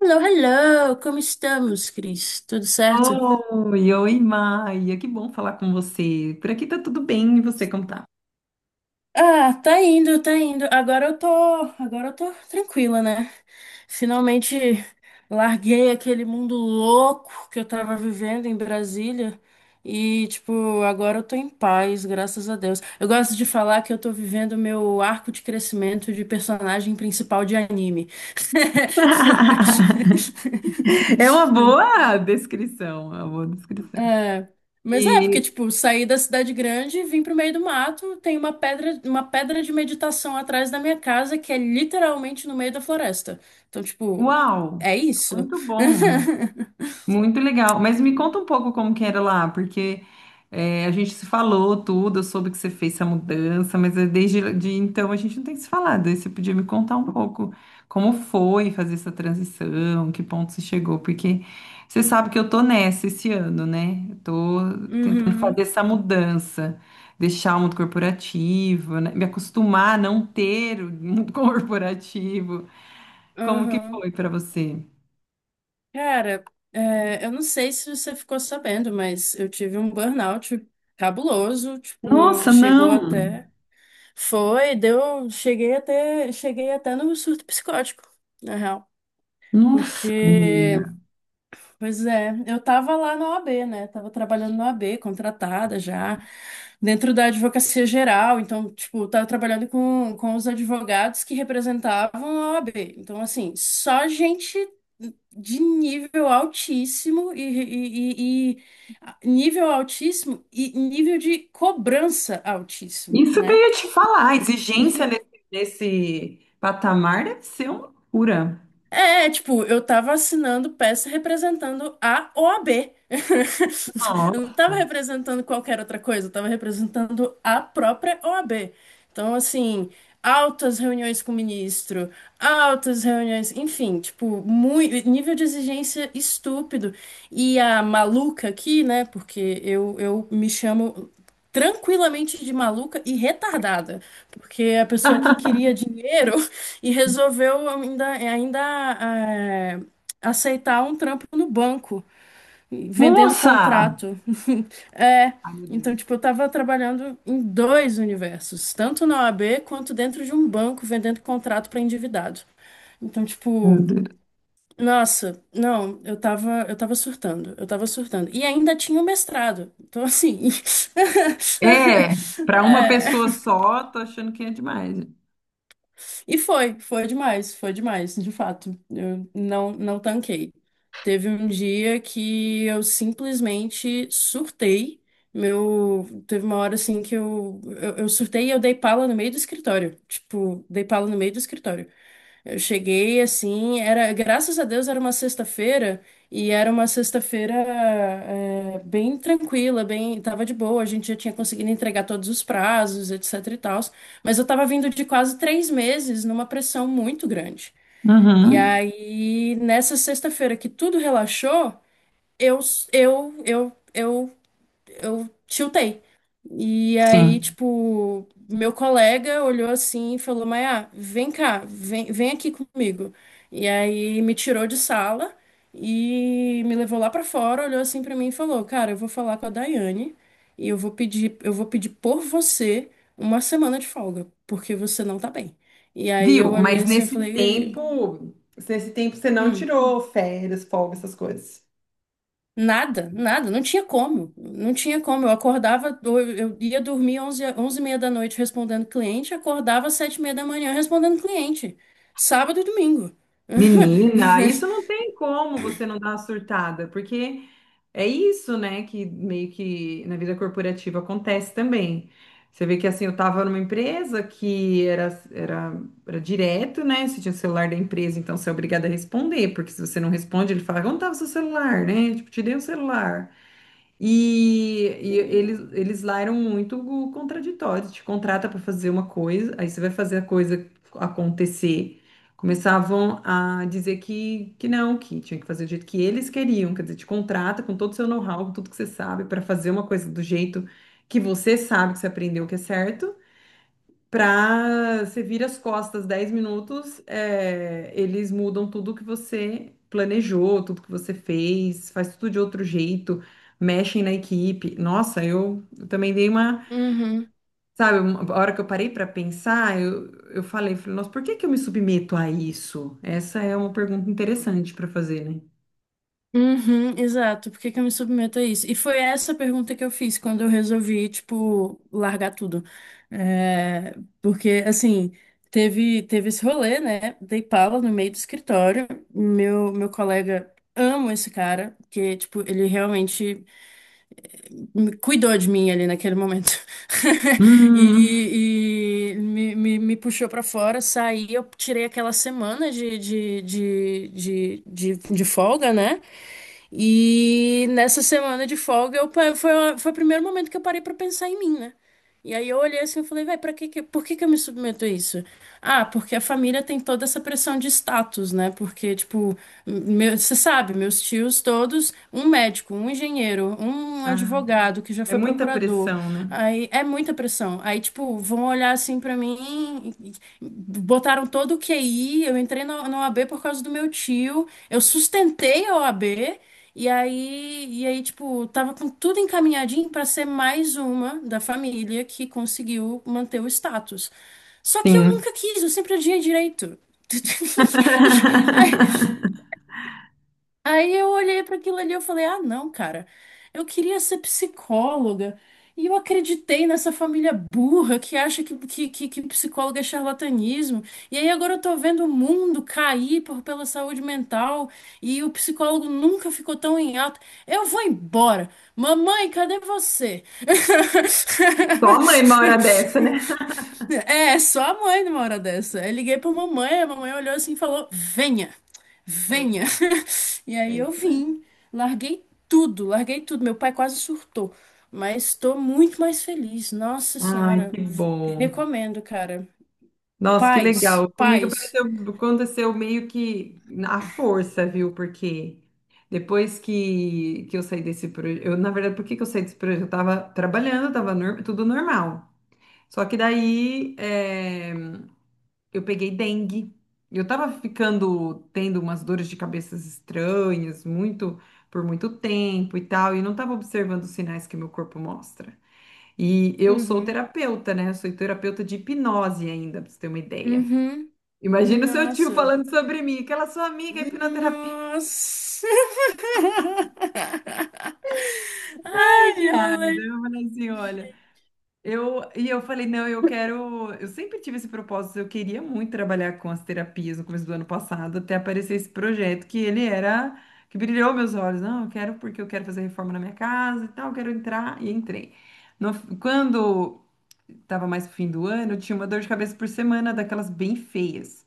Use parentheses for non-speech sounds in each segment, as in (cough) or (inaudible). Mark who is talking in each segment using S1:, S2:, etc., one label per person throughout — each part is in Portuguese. S1: Hello, hello! Como estamos, Cris? Tudo certo?
S2: Oi, oi, Maia, que bom falar com você. Por aqui tá tudo bem, e você como tá?
S1: Ah, tá indo, tá indo. Agora eu tô tranquila, né? Finalmente larguei aquele mundo louco que eu tava vivendo em Brasília e, tipo, agora eu tô em paz, graças a Deus. Eu gosto de falar que eu tô vivendo meu arco de crescimento de personagem principal de anime.
S2: (laughs) É uma
S1: (laughs)
S2: boa descrição, é uma boa descrição.
S1: É, mas é, porque,
S2: E,
S1: tipo, saí da cidade grande, vim pro meio do mato, tem uma pedra de meditação atrás da minha casa, que é literalmente no meio da floresta. Então, tipo,
S2: uau,
S1: é isso.
S2: muito
S1: (laughs)
S2: bom. Muito legal. Mas me conta um pouco como que era lá, porque a gente se falou tudo, eu soube que você fez essa mudança, mas desde de então a gente não tem se falado. Aí você podia me contar um pouco como foi fazer essa transição, que ponto você chegou, porque você sabe que eu tô nessa esse ano, né? Eu tô tentando fazer
S1: Uhum,
S2: essa mudança, deixar o mundo corporativo, né? Me acostumar a não ter o mundo (laughs) corporativo. Como que
S1: uhum.
S2: foi para você?
S1: Cara, é, eu não sei se você ficou sabendo, mas eu tive um burnout cabuloso, tipo,
S2: Nossa,
S1: chegou
S2: não.
S1: até. Foi, deu. Cheguei até no surto psicótico, na real.
S2: Nossa,
S1: Porque
S2: menina.
S1: Pois é, eu tava lá na OAB, né? Tava trabalhando na OAB, contratada já, dentro da advocacia geral. Então, tipo, tava trabalhando com os advogados que representavam a OAB. Então, assim, só gente de nível altíssimo e nível altíssimo e nível de cobrança altíssimo,
S2: Isso que eu
S1: né?
S2: ia te falar, a exigência nesse, nesse patamar deve ser uma loucura.
S1: É, tipo, eu tava assinando peça representando a OAB. (laughs) Eu não tava
S2: Nossa.
S1: representando qualquer outra coisa, eu tava representando a própria OAB. Então, assim, altas reuniões com o ministro, altas reuniões, enfim, tipo, muito, nível de exigência estúpido. E a maluca aqui, né, porque eu me chamo tranquilamente de maluca e retardada, porque a pessoa que queria dinheiro e resolveu ainda eh, aceitar um trampo no banco, vendendo
S2: Nossa!
S1: contrato. (laughs) É,
S2: Ai, meu
S1: então,
S2: Deus.
S1: tipo, eu tava trabalhando em dois universos, tanto na OAB quanto dentro de um banco, vendendo contrato para endividado. Então,
S2: Meu
S1: tipo,
S2: Deus.
S1: nossa, não, eu tava surtando, eu tava surtando. E ainda tinha o mestrado. Então, assim,
S2: É,
S1: (laughs)
S2: para uma
S1: é,
S2: pessoa só, tô achando que é demais.
S1: E foi, foi demais, de fato. Eu não, não tanquei. Teve um dia que eu simplesmente surtei. Meu, teve uma hora assim que eu surtei e eu dei pala no meio do escritório. Tipo, dei pala no meio do escritório. Eu cheguei assim, era, graças a Deus era uma sexta-feira e era uma sexta-feira é, bem tranquila, bem, tava de boa, a gente já tinha conseguido entregar todos os prazos, etc e tal, mas eu tava vindo de quase 3 meses numa pressão muito grande. E
S2: Uhum.
S1: aí, nessa sexta-feira que tudo relaxou, eu, eu, eu, eu eu tiltei. E aí,
S2: Sim.
S1: tipo, meu colega olhou assim e falou: Maia, vem cá, vem, vem aqui comigo. E aí me tirou de sala e me levou lá pra fora, olhou assim pra mim e falou: Cara, eu vou falar com a Daiane e eu vou pedir por você uma semana de folga, porque você não tá bem. E aí
S2: Viu?
S1: eu olhei
S2: Mas
S1: assim e falei.
S2: nesse tempo você não
S1: "Hum,
S2: tirou férias, folga, essas coisas.
S1: Nada, nada, não tinha como. Eu acordava, eu ia dormir onze e meia da noite respondendo cliente, acordava às 7 e meia da manhã respondendo cliente. Sábado e domingo.
S2: Menina, isso não
S1: (laughs)
S2: tem como você não dar uma surtada, porque é isso, né, que meio que na vida corporativa acontece também. Você vê que assim, eu tava numa empresa que era, era, era direto, né? Você tinha o celular da empresa, então você é obrigado a responder, porque se você não responde, ele fala, onde estava o seu celular, né? Tipo, te dei o celular. E
S1: Sim.
S2: eles lá eram muito contraditórios. Te contrata para fazer uma coisa, aí você vai fazer a coisa acontecer. Começavam a dizer que não, que tinha que fazer do jeito que eles queriam. Quer dizer, te contrata com todo o seu know-how, com tudo que você sabe, para fazer uma coisa do jeito que você sabe que você aprendeu que é certo. Pra você vira as costas 10 minutos, é, eles mudam tudo que você planejou, tudo que você fez, faz tudo de outro jeito, mexem na equipe. Nossa, eu também dei uma,
S1: Uhum.
S2: sabe, uma- a hora que eu parei pra pensar, eu falei, falei, nossa, por que que eu me submeto a isso? Essa é uma pergunta interessante pra fazer, né?
S1: Uhum, exato. Por que que eu me submeto a isso? E foi essa pergunta que eu fiz quando eu resolvi, tipo, largar tudo. É, porque, assim, teve esse rolê, né? Dei pala no meio do escritório. Meu colega, amo esse cara, porque, tipo, ele realmente me cuidou de mim ali naquele momento. (laughs)
S2: Hum,
S1: E me puxou pra fora, saí. Eu tirei aquela semana de folga, né? E nessa semana de folga, eu, pa- foi, a- foi o primeiro momento que eu parei pra pensar em mim, né? E aí eu olhei assim e falei, vai, para que, que- por que que eu me submeto a isso? Ah, porque a família tem toda essa pressão de status, né? Porque, tipo, meu- você sabe, meus tios todos, um médico, um engenheiro, um
S2: ah,
S1: advogado que já
S2: é
S1: foi
S2: muita
S1: procurador.
S2: pressão, né?
S1: Aí é muita pressão. Aí, tipo, vão olhar assim pra mim, e- botaram todo o QI, eu entrei na OAB por causa do meu tio, eu sustentei a OAB e aí, tipo, tava com tudo encaminhadinho pra ser mais uma da família que conseguiu manter o status. Só que eu
S2: Sim.
S1: nunca quis, eu sempre adiei direito. (laughs) Aí
S2: (laughs)
S1: Aí eu olhei para aquilo ali e eu falei: "Ah, não, cara. Eu queria ser psicóloga". E eu acreditei nessa família burra que acha que psicólogo é charlatanismo. E aí agora eu tô vendo o mundo cair por, pela saúde mental e o psicólogo nunca ficou tão em alta. Eu vou embora. Mamãe, cadê você? (laughs)
S2: Só a mãe uma hora dessa, né?
S1: É, só a mãe numa hora dessa. Eu liguei pra mamãe, a mamãe olhou assim e falou: Venha,
S2: É.
S1: venha. (laughs) E
S2: É
S1: aí eu
S2: isso mesmo.
S1: vim, larguei tudo, larguei tudo. Meu pai quase surtou, mas estou muito mais feliz. Nossa
S2: Ai,
S1: Senhora,
S2: que
S1: v-
S2: bom.
S1: recomendo, cara.
S2: Nossa, que
S1: Paz,
S2: legal. Comigo
S1: paz.
S2: apareceu, aconteceu meio que na força, viu? Porque depois que eu saí desse projeto, eu, na verdade, por que que eu saí desse projeto? Eu tava trabalhando, tava nor- tudo normal. Só que daí eu peguei dengue. Eu tava ficando tendo umas dores de cabeças estranhas, muito por muito tempo e tal, e não tava observando os sinais que meu corpo mostra. E eu sou
S1: Uhum,
S2: terapeuta, né? Eu sou terapeuta de hipnose ainda, pra você ter uma ideia.
S1: uhum.
S2: Imagina o seu tio
S1: Nossa,
S2: falando sobre mim, aquela sua amiga é hipnoterapeuta.
S1: nossa. (laughs)
S2: (laughs)
S1: Ai,
S2: Ai,
S1: que
S2: ai. Daí
S1: rolê.
S2: eu falei assim, olha, eu falei, não, eu quero, eu sempre tive esse propósito, eu queria muito trabalhar com as terapias no começo do ano passado, até aparecer esse projeto que ele era que brilhou meus olhos. Não, eu quero porque eu quero fazer reforma na minha casa e tal, eu quero entrar e entrei. No- quando estava mais pro fim do ano, eu tinha uma dor de cabeça por semana daquelas bem feias.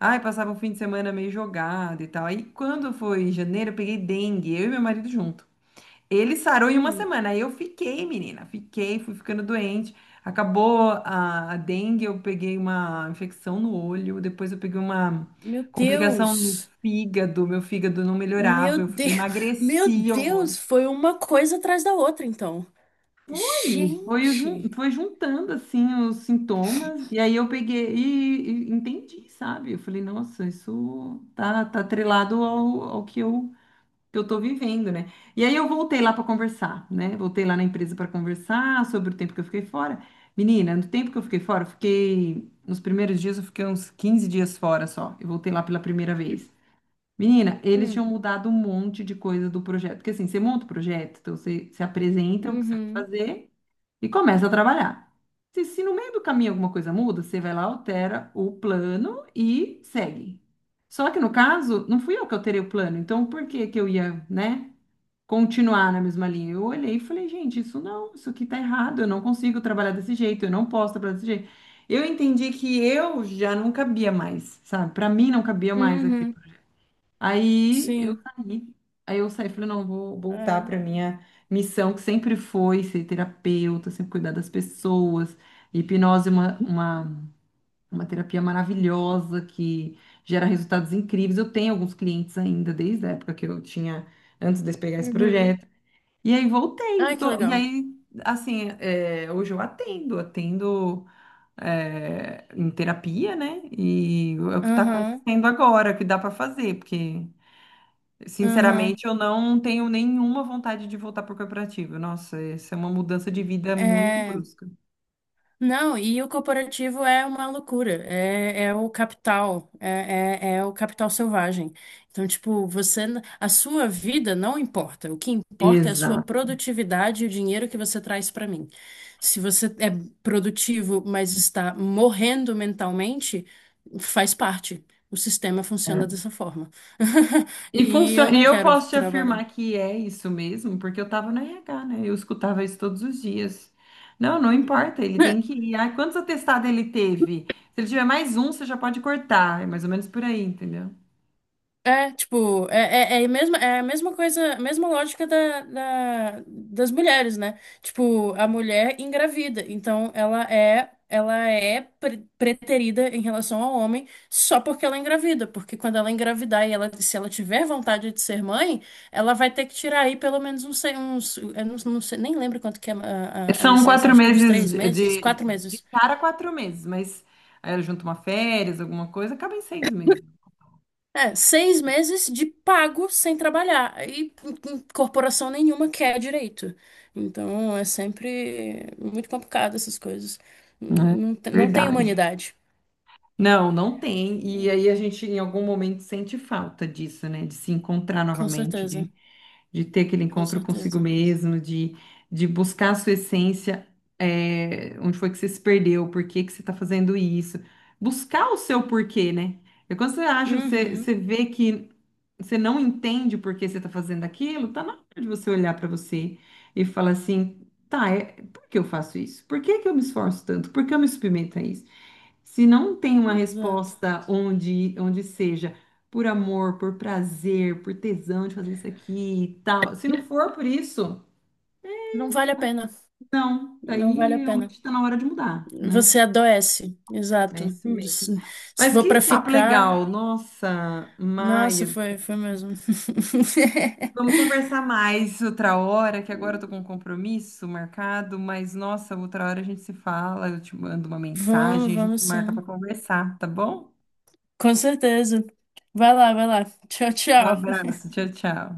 S2: Ai, passava um fim de semana meio jogado e tal. Aí quando foi em janeiro, eu peguei dengue, eu e meu marido junto. Ele sarou em uma
S1: Hum,
S2: semana, aí eu fiquei, menina, fiquei, fui ficando doente. Acabou a dengue, eu peguei uma infecção no olho, depois eu peguei uma
S1: meu
S2: complicação no
S1: Deus,
S2: fígado, meu fígado não melhorava,
S1: meu
S2: eu fui- eu
S1: Deus, (laughs) meu
S2: emagreci horrores.
S1: Deus, foi uma coisa atrás da outra, então.
S2: E foi, jun-
S1: Gente.
S2: foi juntando assim os sintomas, e aí eu peguei e entendi, sabe? Eu falei, nossa, isso tá, tá atrelado ao que eu tô vivendo, né? E aí eu voltei lá para conversar, né? Voltei lá na empresa para conversar sobre o tempo que eu fiquei fora. Menina, no tempo que eu fiquei fora, eu fiquei. Nos primeiros dias eu fiquei uns 15 dias fora só. Eu voltei lá pela primeira vez. Menina, eles tinham mudado um monte de coisa do projeto. Porque assim, você monta o projeto, então você se apresenta o que você vai
S1: Uhum.
S2: fazer e começa a trabalhar. Se no meio do caminho alguma coisa muda, você vai lá, altera o plano e segue. Só que no caso, não fui eu que alterei o plano, então por que que eu ia, né, continuar na mesma linha? Eu olhei e falei, gente, isso não, isso aqui tá errado, eu não consigo trabalhar desse jeito, eu não posso trabalhar desse jeito. Eu entendi que eu já não cabia mais, sabe? Para mim não cabia mais aqui.
S1: Uhum.
S2: Aí eu
S1: Sim.
S2: saí. Aí eu saí e falei, não, eu vou voltar
S1: É.
S2: para minha missão, que sempre foi ser terapeuta, sempre cuidar das pessoas. Hipnose é uma terapia maravilhosa que gera resultados incríveis. Eu tenho alguns clientes ainda, desde a época que eu tinha, antes de eu pegar esse
S1: Uhum.
S2: projeto. E aí voltei.
S1: Ai, que
S2: Tô- e
S1: legal.
S2: aí, assim, é, hoje eu atendo, atendo é, em terapia, né? E é o que está
S1: Uhum.
S2: acontecendo agora, o que dá para fazer, porque.
S1: Uhum.
S2: Sinceramente, eu não tenho nenhuma vontade de voltar para o corporativo. Nossa, essa é uma mudança de vida muito
S1: É.
S2: brusca.
S1: Não, e o corporativo é uma loucura, é, é o capital, é o capital selvagem. Então, tipo, você, n- a sua vida não importa, o que importa é a sua
S2: Exato.
S1: produtividade e o dinheiro que você traz para mim. Se você é produtivo, mas está morrendo mentalmente, faz parte. O sistema funciona
S2: É.
S1: dessa forma. (laughs)
S2: E
S1: E eu
S2: funciona, e
S1: não
S2: eu
S1: quero
S2: posso te
S1: trabalhar.
S2: afirmar que é isso mesmo, porque eu estava no RH, né? Eu escutava isso todos os dias. Não, não importa, ele tem
S1: (laughs)
S2: que ir. Ah, quantos atestados ele teve? Se ele tiver mais um, você já pode cortar. É mais ou menos por aí, entendeu?
S1: É, tipo, a mesma, é a mesma coisa, a mesma lógica da, da- das mulheres, né? Tipo, a mulher engravida, então ela é pre- preterida em relação ao homem só porque ela é engravida, porque quando ela engravidar e ela, se ela tiver vontade de ser mãe, ela vai ter que tirar aí pelo menos uns, sei- uns eu não, não sei, nem lembro quanto que é a
S2: São
S1: licença,
S2: quatro
S1: acho que uns
S2: meses
S1: três
S2: de,
S1: meses,
S2: de
S1: quatro
S2: de
S1: meses.
S2: cara, 4 meses, mas aí eu junto uma férias, alguma coisa, acaba em 6 meses.
S1: É, 6 meses de pago sem trabalhar. E corporação nenhuma quer direito. Então é sempre muito complicado essas coisas.
S2: É
S1: Não, te- não tem
S2: verdade.
S1: humanidade.
S2: Não, não tem. E aí a gente em algum momento sente falta disso, né? De se encontrar
S1: Com
S2: novamente,
S1: certeza,
S2: de ter aquele
S1: com
S2: encontro consigo
S1: certeza.
S2: mesmo, de buscar a sua essência, é, onde foi que você se perdeu, por que que você está fazendo isso. Buscar o seu porquê, né? E quando você acha, você,
S1: Uhum,
S2: você vê que você não entende por que você está fazendo aquilo, tá na hora de você olhar para você e falar assim, tá, é, por que eu faço isso? Por que que eu me esforço tanto? Por que eu me submeto a isso? Se não tem uma
S1: exato.
S2: resposta onde, onde seja por amor, por prazer, por tesão de fazer isso aqui e tal, se não for por isso,
S1: Não vale a pena.
S2: não,
S1: Não
S2: daí
S1: vale a
S2: realmente
S1: pena.
S2: está na hora de mudar, né?
S1: Você adoece,
S2: É
S1: exato.
S2: isso mesmo.
S1: Se, se
S2: Mas
S1: for
S2: que
S1: pra
S2: papo
S1: ficar,
S2: legal, nossa,
S1: nossa,
S2: Maia.
S1: foi, foi mesmo.
S2: Vamos
S1: (laughs)
S2: conversar mais outra hora, que agora eu tô com um compromisso marcado, mas nossa, outra hora a gente se fala, eu te mando uma
S1: Vamos,
S2: mensagem, a gente
S1: vamos
S2: marca para
S1: sim.
S2: conversar, tá bom?
S1: Com certeza. Vai lá, vai lá. Tchau, tchau.
S2: Abraço, tchau, tchau.